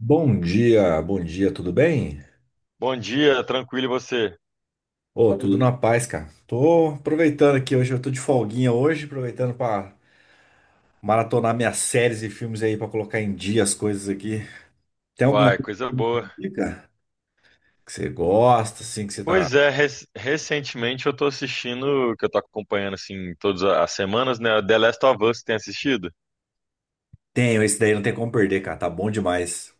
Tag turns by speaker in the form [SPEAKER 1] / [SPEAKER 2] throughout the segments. [SPEAKER 1] Bom dia, tudo bem?
[SPEAKER 2] Bom dia, tranquilo e você?
[SPEAKER 1] Ô, tudo na paz, cara. Tô aproveitando aqui hoje, eu tô de folguinha hoje, aproveitando pra maratonar minhas séries e filmes aí pra colocar em dia as coisas aqui. Tem alguma
[SPEAKER 2] Uai,
[SPEAKER 1] coisa que
[SPEAKER 2] coisa
[SPEAKER 1] você
[SPEAKER 2] boa.
[SPEAKER 1] me indica? Que você gosta, assim, que você tá.
[SPEAKER 2] Pois é, recentemente eu tô assistindo, que eu tô acompanhando assim todas as semanas, né? The Last of Us, tem assistido?
[SPEAKER 1] Tenho, esse daí não tem como perder, cara, tá bom demais.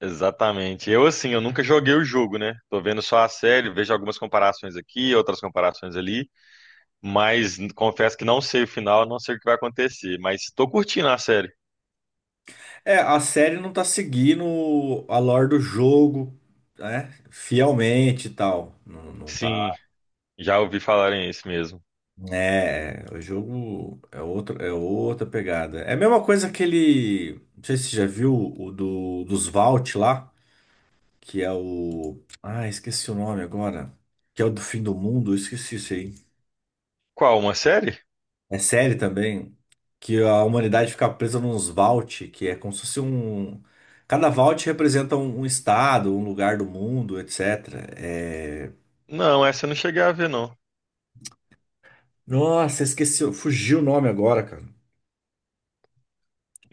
[SPEAKER 2] Exatamente. Eu assim, eu nunca joguei o jogo, né? Tô vendo só a série, vejo algumas comparações aqui, outras comparações ali, mas confesso que não sei o final, não sei o que vai acontecer, mas tô curtindo a série.
[SPEAKER 1] É, a série não tá seguindo a lore do jogo, né? Fielmente e tal. Não, não tá.
[SPEAKER 2] Sim, já ouvi falarem isso mesmo.
[SPEAKER 1] É, o jogo é outro, é outra pegada. É a mesma coisa que ele. Não sei se você já viu dos Vault lá, que é o. Ah, esqueci o nome agora. Que é o do fim do mundo, eu esqueci isso aí.
[SPEAKER 2] Qual, uma série?
[SPEAKER 1] É série também, que a humanidade fica presa nos Vault, que é como se fosse um. Cada Vault representa um estado, um lugar do mundo, etc. É.
[SPEAKER 2] Não, essa eu não cheguei a ver, não.
[SPEAKER 1] Nossa, esqueci, fugiu o nome agora, cara.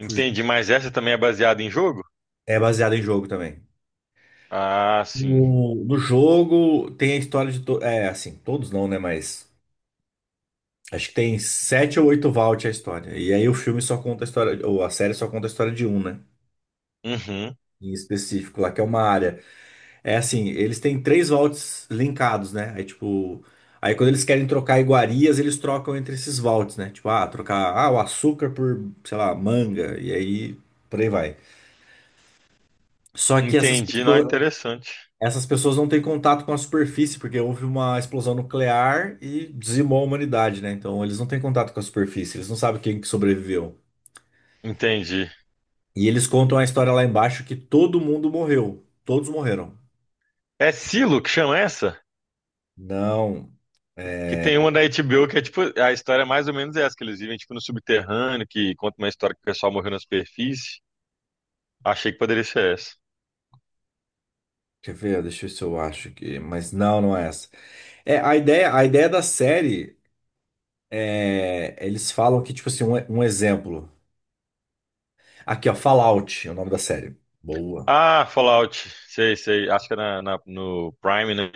[SPEAKER 1] Fugiu.
[SPEAKER 2] mas essa também é baseada em jogo?
[SPEAKER 1] É baseado em jogo também.
[SPEAKER 2] Ah, sim.
[SPEAKER 1] No jogo tem a história de. To. É, assim, todos não, né? Mas acho que tem sete ou oito vault a história. E aí o filme só conta a história, ou a série só conta a história de um, né?
[SPEAKER 2] Uhum.
[SPEAKER 1] Em específico, lá que é uma área. É assim, eles têm três vaults linkados, né? Aí tipo. Aí quando eles querem trocar iguarias, eles trocam entre esses vaults, né? Tipo, ah, trocar o açúcar por, sei lá, manga. E aí por aí vai. Só que essas, uhum,
[SPEAKER 2] Entendi, não é
[SPEAKER 1] pessoas,
[SPEAKER 2] interessante.
[SPEAKER 1] essas pessoas não têm contato com a superfície, porque houve uma explosão nuclear e dizimou a humanidade, né? Então eles não têm contato com a superfície, eles não sabem quem que sobreviveu.
[SPEAKER 2] Entendi.
[SPEAKER 1] E eles contam a história lá embaixo que todo mundo morreu. Todos morreram.
[SPEAKER 2] É Silo que chama essa?
[SPEAKER 1] Não.
[SPEAKER 2] Que
[SPEAKER 1] É,
[SPEAKER 2] tem uma da HBO que é tipo, a história é mais ou menos essa, que eles vivem tipo no subterrâneo, que conta uma história que o pessoal morreu na superfície. Achei que poderia ser essa.
[SPEAKER 1] quer ver? Deixa eu ver se eu acho aqui. Mas não, não é essa. É, a ideia da série é, eles falam que, tipo assim, um exemplo. Aqui, ó, Fallout é o nome da série. Boa.
[SPEAKER 2] Ah, Fallout. Sei, sei. Acho que é no Prime, né?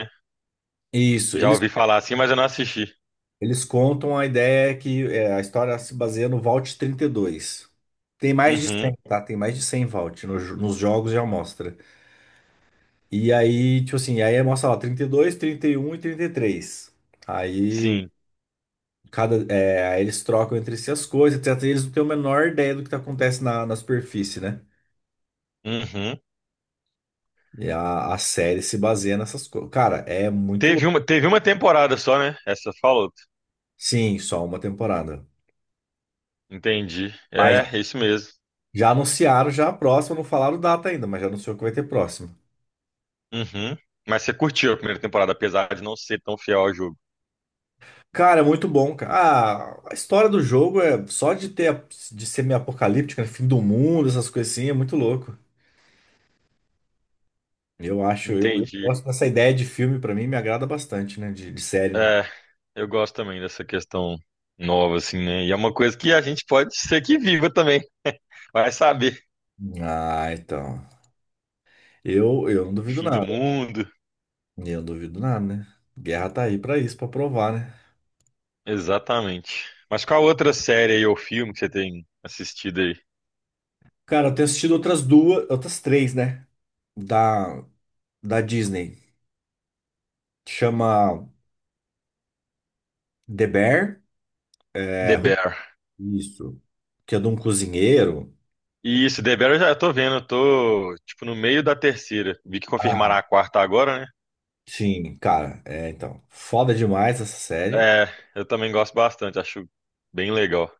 [SPEAKER 1] Isso,
[SPEAKER 2] Já
[SPEAKER 1] eles
[SPEAKER 2] ouvi falar assim, mas eu não assisti.
[SPEAKER 1] Eles contam a ideia que é, a história se baseia no Vault 32. Tem mais de
[SPEAKER 2] Uhum,
[SPEAKER 1] 100, tá? Tem mais de 100 Vault no jo- nos jogos já mostra. E aí, tipo assim, aí mostra lá 32, 31 e 33. Aí
[SPEAKER 2] sim.
[SPEAKER 1] aí eles trocam entre si as coisas, etc. E eles não têm a menor ideia do que tá acontece na, na superfície, né?
[SPEAKER 2] Uhum.
[SPEAKER 1] E a série se baseia nessas coisas. Cara, é muito louco.
[SPEAKER 2] Teve uma temporada só, né? Essa Fallout.
[SPEAKER 1] Sim, só uma temporada.
[SPEAKER 2] Entendi.
[SPEAKER 1] Mas
[SPEAKER 2] É,
[SPEAKER 1] já
[SPEAKER 2] é isso mesmo.
[SPEAKER 1] já anunciaram já a próxima, não falaram data ainda, mas já anunciou que vai ter próxima.
[SPEAKER 2] Uhum. Mas você curtiu a primeira temporada, apesar de não ser tão fiel ao jogo.
[SPEAKER 1] Cara, é muito bom, cara. Ah, a história do jogo é só de ter de ser meio apocalíptica, né? Fim do mundo, essas coisas assim, é muito louco. Eu acho, eu
[SPEAKER 2] Entendi.
[SPEAKER 1] gosto dessa ideia de filme, pra mim me agrada bastante, né? De série. Né?
[SPEAKER 2] É, eu gosto também dessa questão nova, assim, né? E é uma coisa que a gente pode ser que viva também. Vai saber.
[SPEAKER 1] Ah, então. Eu não duvido
[SPEAKER 2] Fim do
[SPEAKER 1] nada.
[SPEAKER 2] mundo.
[SPEAKER 1] Eu não duvido nada, né? Guerra tá aí pra isso, pra provar, né?
[SPEAKER 2] Exatamente. Mas qual outra série aí ou filme que você tem assistido aí?
[SPEAKER 1] Cara, eu tenho assistido outras duas, outras três, né? Da, da Disney. Chama The Bear. É,
[SPEAKER 2] The
[SPEAKER 1] Ru-
[SPEAKER 2] Bear.
[SPEAKER 1] isso. Que é de um cozinheiro.
[SPEAKER 2] Isso, The Bear eu já tô vendo, eu tô, tipo, no meio da terceira. Vi que
[SPEAKER 1] Ah,
[SPEAKER 2] confirmará a quarta agora, né?
[SPEAKER 1] sim, cara, é então. Foda demais essa série.
[SPEAKER 2] É, eu também gosto bastante, acho bem legal.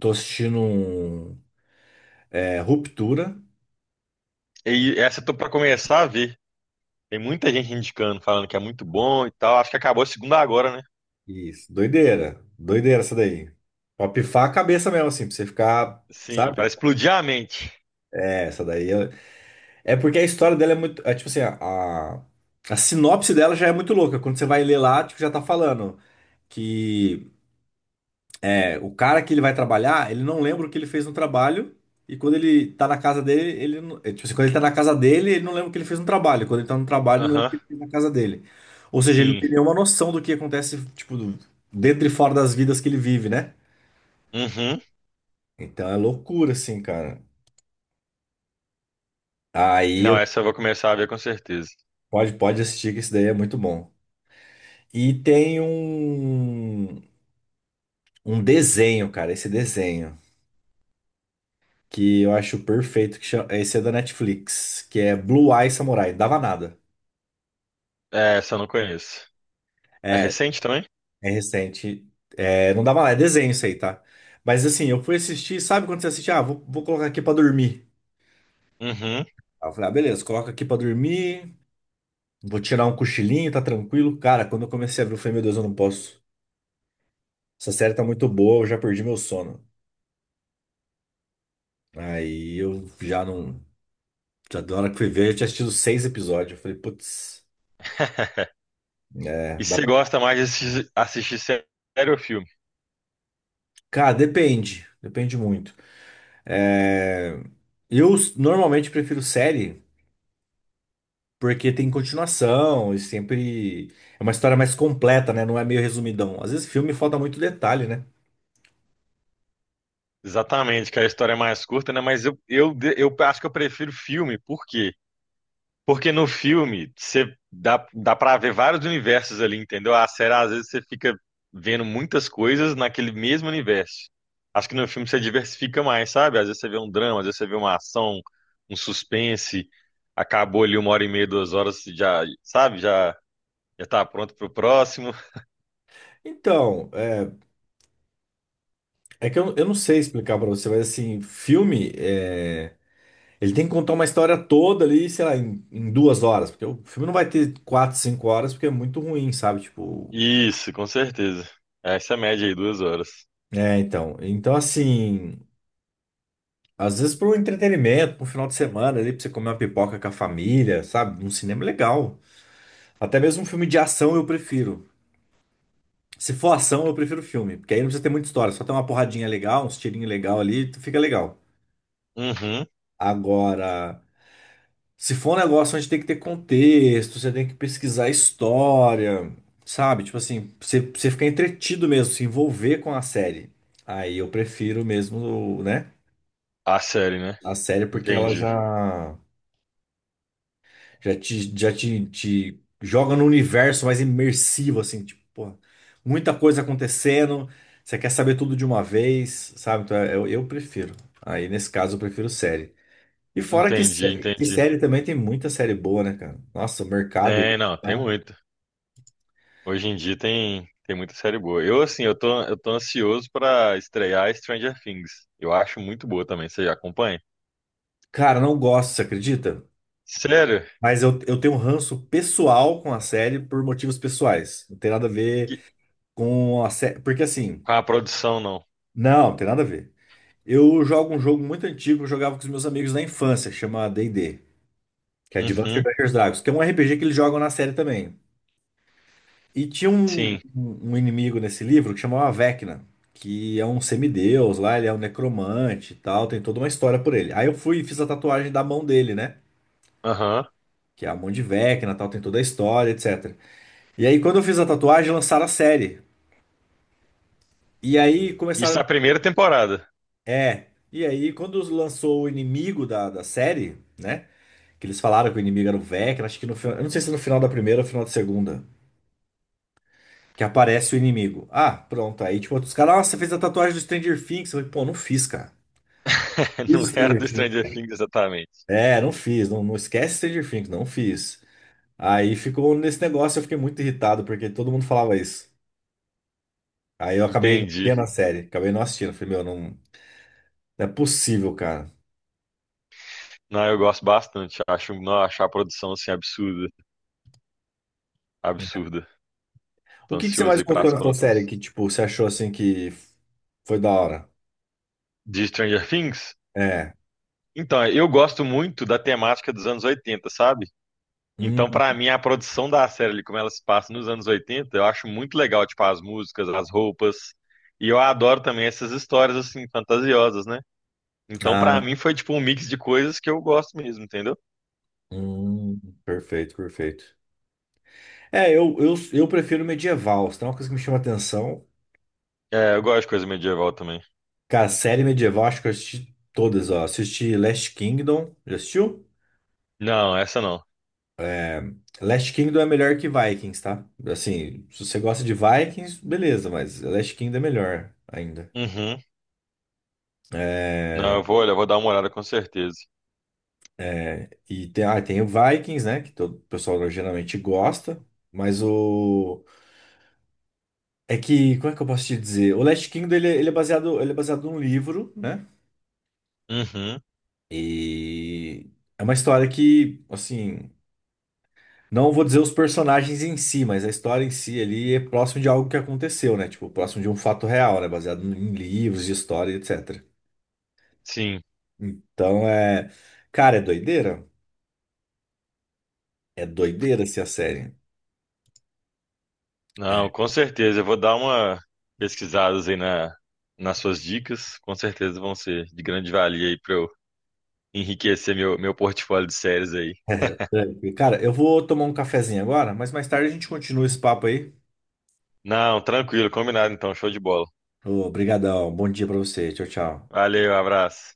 [SPEAKER 1] Tô assistindo um, é, Ruptura.
[SPEAKER 2] E essa eu tô pra começar a ver. Tem muita gente indicando, falando que é muito bom e tal. Acho que acabou a segunda agora, né?
[SPEAKER 1] Isso, doideira. Doideira essa daí. Pra pifar a cabeça mesmo, assim, pra você ficar,
[SPEAKER 2] Sim, para
[SPEAKER 1] sabe?
[SPEAKER 2] explodir a mente.
[SPEAKER 1] É, essa daí. É, é porque a história dela é muito. É, tipo assim, a sinopse dela já é muito louca. Quando você vai ler lá, tipo, já tá falando que. É, o cara que ele vai trabalhar, ele não lembra o que ele fez no trabalho. E quando ele tá na casa dele, ele não, é, tipo assim, quando ele tá na casa dele, ele não lembra o que ele fez no trabalho. Quando ele tá no trabalho, ele não lembra o
[SPEAKER 2] Aham,
[SPEAKER 1] que ele fez na casa dele. Ou seja, ele não
[SPEAKER 2] sim.
[SPEAKER 1] tem nenhuma noção do que acontece, tipo, dentro e fora das vidas que ele vive, né?
[SPEAKER 2] Uhum.
[SPEAKER 1] Então é loucura, assim, cara. Aí
[SPEAKER 2] Não,
[SPEAKER 1] eu
[SPEAKER 2] essa eu vou começar a ver com certeza.
[SPEAKER 1] pode assistir, que esse daí é muito bom. E tem um, um desenho, cara, esse desenho, que eu acho perfeito, que chama, esse é da Netflix, que é Blue Eye Samurai, dava nada.
[SPEAKER 2] É, essa eu não conheço. É
[SPEAKER 1] É,
[SPEAKER 2] recente também?
[SPEAKER 1] é recente. É, não dá mais, é desenho isso aí, tá? Mas assim, eu fui assistir, sabe quando você assiste? Ah, vou colocar aqui pra dormir.
[SPEAKER 2] Uhum.
[SPEAKER 1] Aí eu falei, ah, beleza, coloca aqui pra dormir, vou tirar um cochilinho, tá tranquilo. Cara, quando eu comecei a ver, eu falei, meu Deus, eu não posso. Essa série tá muito boa, eu já perdi meu sono. Aí eu já não. Já da hora que fui ver, eu tinha assistido 6 episódios. Eu falei, putz, é,
[SPEAKER 2] E
[SPEAKER 1] dá
[SPEAKER 2] você
[SPEAKER 1] pra.
[SPEAKER 2] gosta mais de assistir, assistir série ou filme?
[SPEAKER 1] Cara, depende, depende muito. É, normalmente prefiro série. Porque tem continuação e sempre é uma história mais completa, né? Não é meio resumidão. Às vezes filme falta muito detalhe, né?
[SPEAKER 2] Exatamente, que a história é mais curta, né? Mas eu acho que eu prefiro filme, porque porque no filme, você dá pra ver vários universos ali, entendeu? A série, às vezes, você fica vendo muitas coisas naquele mesmo universo. Acho que no filme você diversifica mais, sabe? Às vezes você vê um drama, às vezes você vê uma ação, um suspense. Acabou ali uma hora e meia, duas horas, você já, sabe? Já tá pronto pro próximo.
[SPEAKER 1] Então, é, é que eu não sei explicar pra você, mas assim, filme, é, ele tem que contar uma história toda ali, sei lá, em 2 horas. Porque o filme não vai ter quatro, cinco horas, porque é muito ruim, sabe? Tipo,
[SPEAKER 2] Isso, com certeza. Essa é a média aí, duas horas.
[SPEAKER 1] é, então. Então, assim, às vezes para um entretenimento, para um final de semana ali, para você comer uma pipoca com a família, sabe? Um cinema é legal. Até mesmo um filme de ação eu prefiro. Se for ação, eu prefiro filme, porque aí não precisa ter muita história, só tem uma porradinha legal, uns tirinhos legal ali, tu fica legal.
[SPEAKER 2] Uhum.
[SPEAKER 1] Agora, se for um negócio onde tem que ter contexto, você tem que pesquisar a história, sabe? Tipo assim, você ficar entretido mesmo, se envolver com a série. Aí eu prefiro mesmo, né?
[SPEAKER 2] A série, né?
[SPEAKER 1] A série, porque ela
[SPEAKER 2] Entendi.
[SPEAKER 1] já. Te joga no universo mais imersivo, assim, tipo, pô, muita coisa acontecendo, você quer saber tudo de uma vez, sabe? Então, eu prefiro. Aí, nesse caso, eu prefiro série. E fora
[SPEAKER 2] Entendi,
[SPEAKER 1] que
[SPEAKER 2] entendi.
[SPEAKER 1] série também tem muita série boa, né, cara? Nossa, o mercado.
[SPEAKER 2] Tem, não,
[SPEAKER 1] Tá?
[SPEAKER 2] tem muito. Hoje em dia tem muita série boa. Eu, assim, eu tô ansioso pra estrear Stranger Things. Eu acho muito boa também. Você já acompanha?
[SPEAKER 1] Cara, não gosto, você acredita?
[SPEAKER 2] Sério?
[SPEAKER 1] Mas eu tenho um ranço pessoal com a série por motivos pessoais. Não tem nada a ver
[SPEAKER 2] Que...
[SPEAKER 1] com a série. Porque assim,
[SPEAKER 2] Com a produção, não.
[SPEAKER 1] não, não tem nada a ver. Eu jogo um jogo muito antigo que eu jogava com os meus amigos na infância, que chama D&D, que é Advanced
[SPEAKER 2] Uhum,
[SPEAKER 1] Dungeons and Dragons, que é um RPG que eles jogam na série também. E tinha um,
[SPEAKER 2] sim.
[SPEAKER 1] um inimigo nesse livro que chamava Vecna, que é um semideus lá, ele é um necromante e tal, tem toda uma história por ele. Aí eu fui e fiz a tatuagem da mão dele, né?
[SPEAKER 2] Aham.
[SPEAKER 1] Que é a mão de Vecna, tal, tem toda a história, etc. E aí quando eu fiz a tatuagem, lançaram a série. E aí
[SPEAKER 2] Isso é
[SPEAKER 1] começaram.
[SPEAKER 2] a primeira temporada.
[SPEAKER 1] É. E aí quando lançou o inimigo da série, né? Que eles falaram que o inimigo era o Vecna, acho que no final. Eu não sei se é no final da primeira ou final da segunda. Que aparece o inimigo. Ah, pronto. Aí, tipo, os caras, nossa, você fez a tatuagem do Stranger Things. Eu falei, pô, não fiz, cara.
[SPEAKER 2] Não
[SPEAKER 1] Isso,
[SPEAKER 2] era do
[SPEAKER 1] Stranger.
[SPEAKER 2] Stranger Things exatamente.
[SPEAKER 1] É, não fiz. Não, não esquece Stranger Things, não fiz. Aí ficou nesse negócio, eu fiquei muito irritado, porque todo mundo falava isso. Aí eu acabei
[SPEAKER 2] Entendi.
[SPEAKER 1] vendo a série, acabei não assistindo. Falei, meu, não, não é possível, cara.
[SPEAKER 2] Não, eu gosto bastante. Acho, não, acho a produção, assim, absurda. Absurda.
[SPEAKER 1] O
[SPEAKER 2] Tô
[SPEAKER 1] que que você
[SPEAKER 2] ansioso
[SPEAKER 1] mais
[SPEAKER 2] aí
[SPEAKER 1] gostou
[SPEAKER 2] pras
[SPEAKER 1] nessa série
[SPEAKER 2] próximas.
[SPEAKER 1] que, tipo, você achou assim que foi da hora?
[SPEAKER 2] De Stranger Things?
[SPEAKER 1] É.
[SPEAKER 2] Então, eu gosto muito da temática dos anos 80, sabe? Então,
[SPEAKER 1] Hum,
[SPEAKER 2] pra mim, a produção da série, ali, como ela se passa nos anos 80, eu acho muito legal, tipo, as músicas, as roupas. E eu adoro também essas histórias, assim, fantasiosas, né? Então, pra
[SPEAKER 1] ah,
[SPEAKER 2] mim, foi, tipo, um mix de coisas que eu gosto mesmo, entendeu?
[SPEAKER 1] hum, perfeito, perfeito. É, eu prefiro medieval. Se tem uma coisa que me chama atenção,
[SPEAKER 2] É, eu gosto de coisa medieval também.
[SPEAKER 1] cara, série medieval, acho que eu assisti todas, ó. Assisti Last Kingdom. Já assistiu?
[SPEAKER 2] Não, essa não.
[SPEAKER 1] Last Kingdom é melhor que Vikings, tá? Assim, se você gosta de Vikings, beleza, mas Last Kingdom é melhor ainda.
[SPEAKER 2] Uhum. Não,
[SPEAKER 1] É,
[SPEAKER 2] eu vou, olha, eu vou dar uma olhada com certeza.
[SPEAKER 1] é, e tem, ah, tem o Vikings, né? Que todo o pessoal geralmente gosta. Mas o. É que. Como é que eu posso te dizer? O Last Kingdom ele, ele é baseado num livro, né?
[SPEAKER 2] Uhum.
[SPEAKER 1] E. É uma história que, assim. Não vou dizer os personagens em si, mas a história em si ali é próximo de algo que aconteceu, né? Tipo, próximo de um fato real, né? Baseado em livros de história, etc.
[SPEAKER 2] Sim.
[SPEAKER 1] Então é. Cara, é doideira? É doideira essa a série. É.
[SPEAKER 2] Não, com certeza. Eu vou dar uma pesquisada aí nas suas dicas. Com certeza vão ser de grande valia aí pra eu enriquecer meu portfólio de séries aí.
[SPEAKER 1] Cara, eu vou tomar um cafezinho agora, mas mais tarde a gente continua esse papo aí.
[SPEAKER 2] Não, tranquilo, combinado então, show de bola.
[SPEAKER 1] Obrigadão, bom dia pra você. Tchau, tchau.
[SPEAKER 2] Valeu, abraço.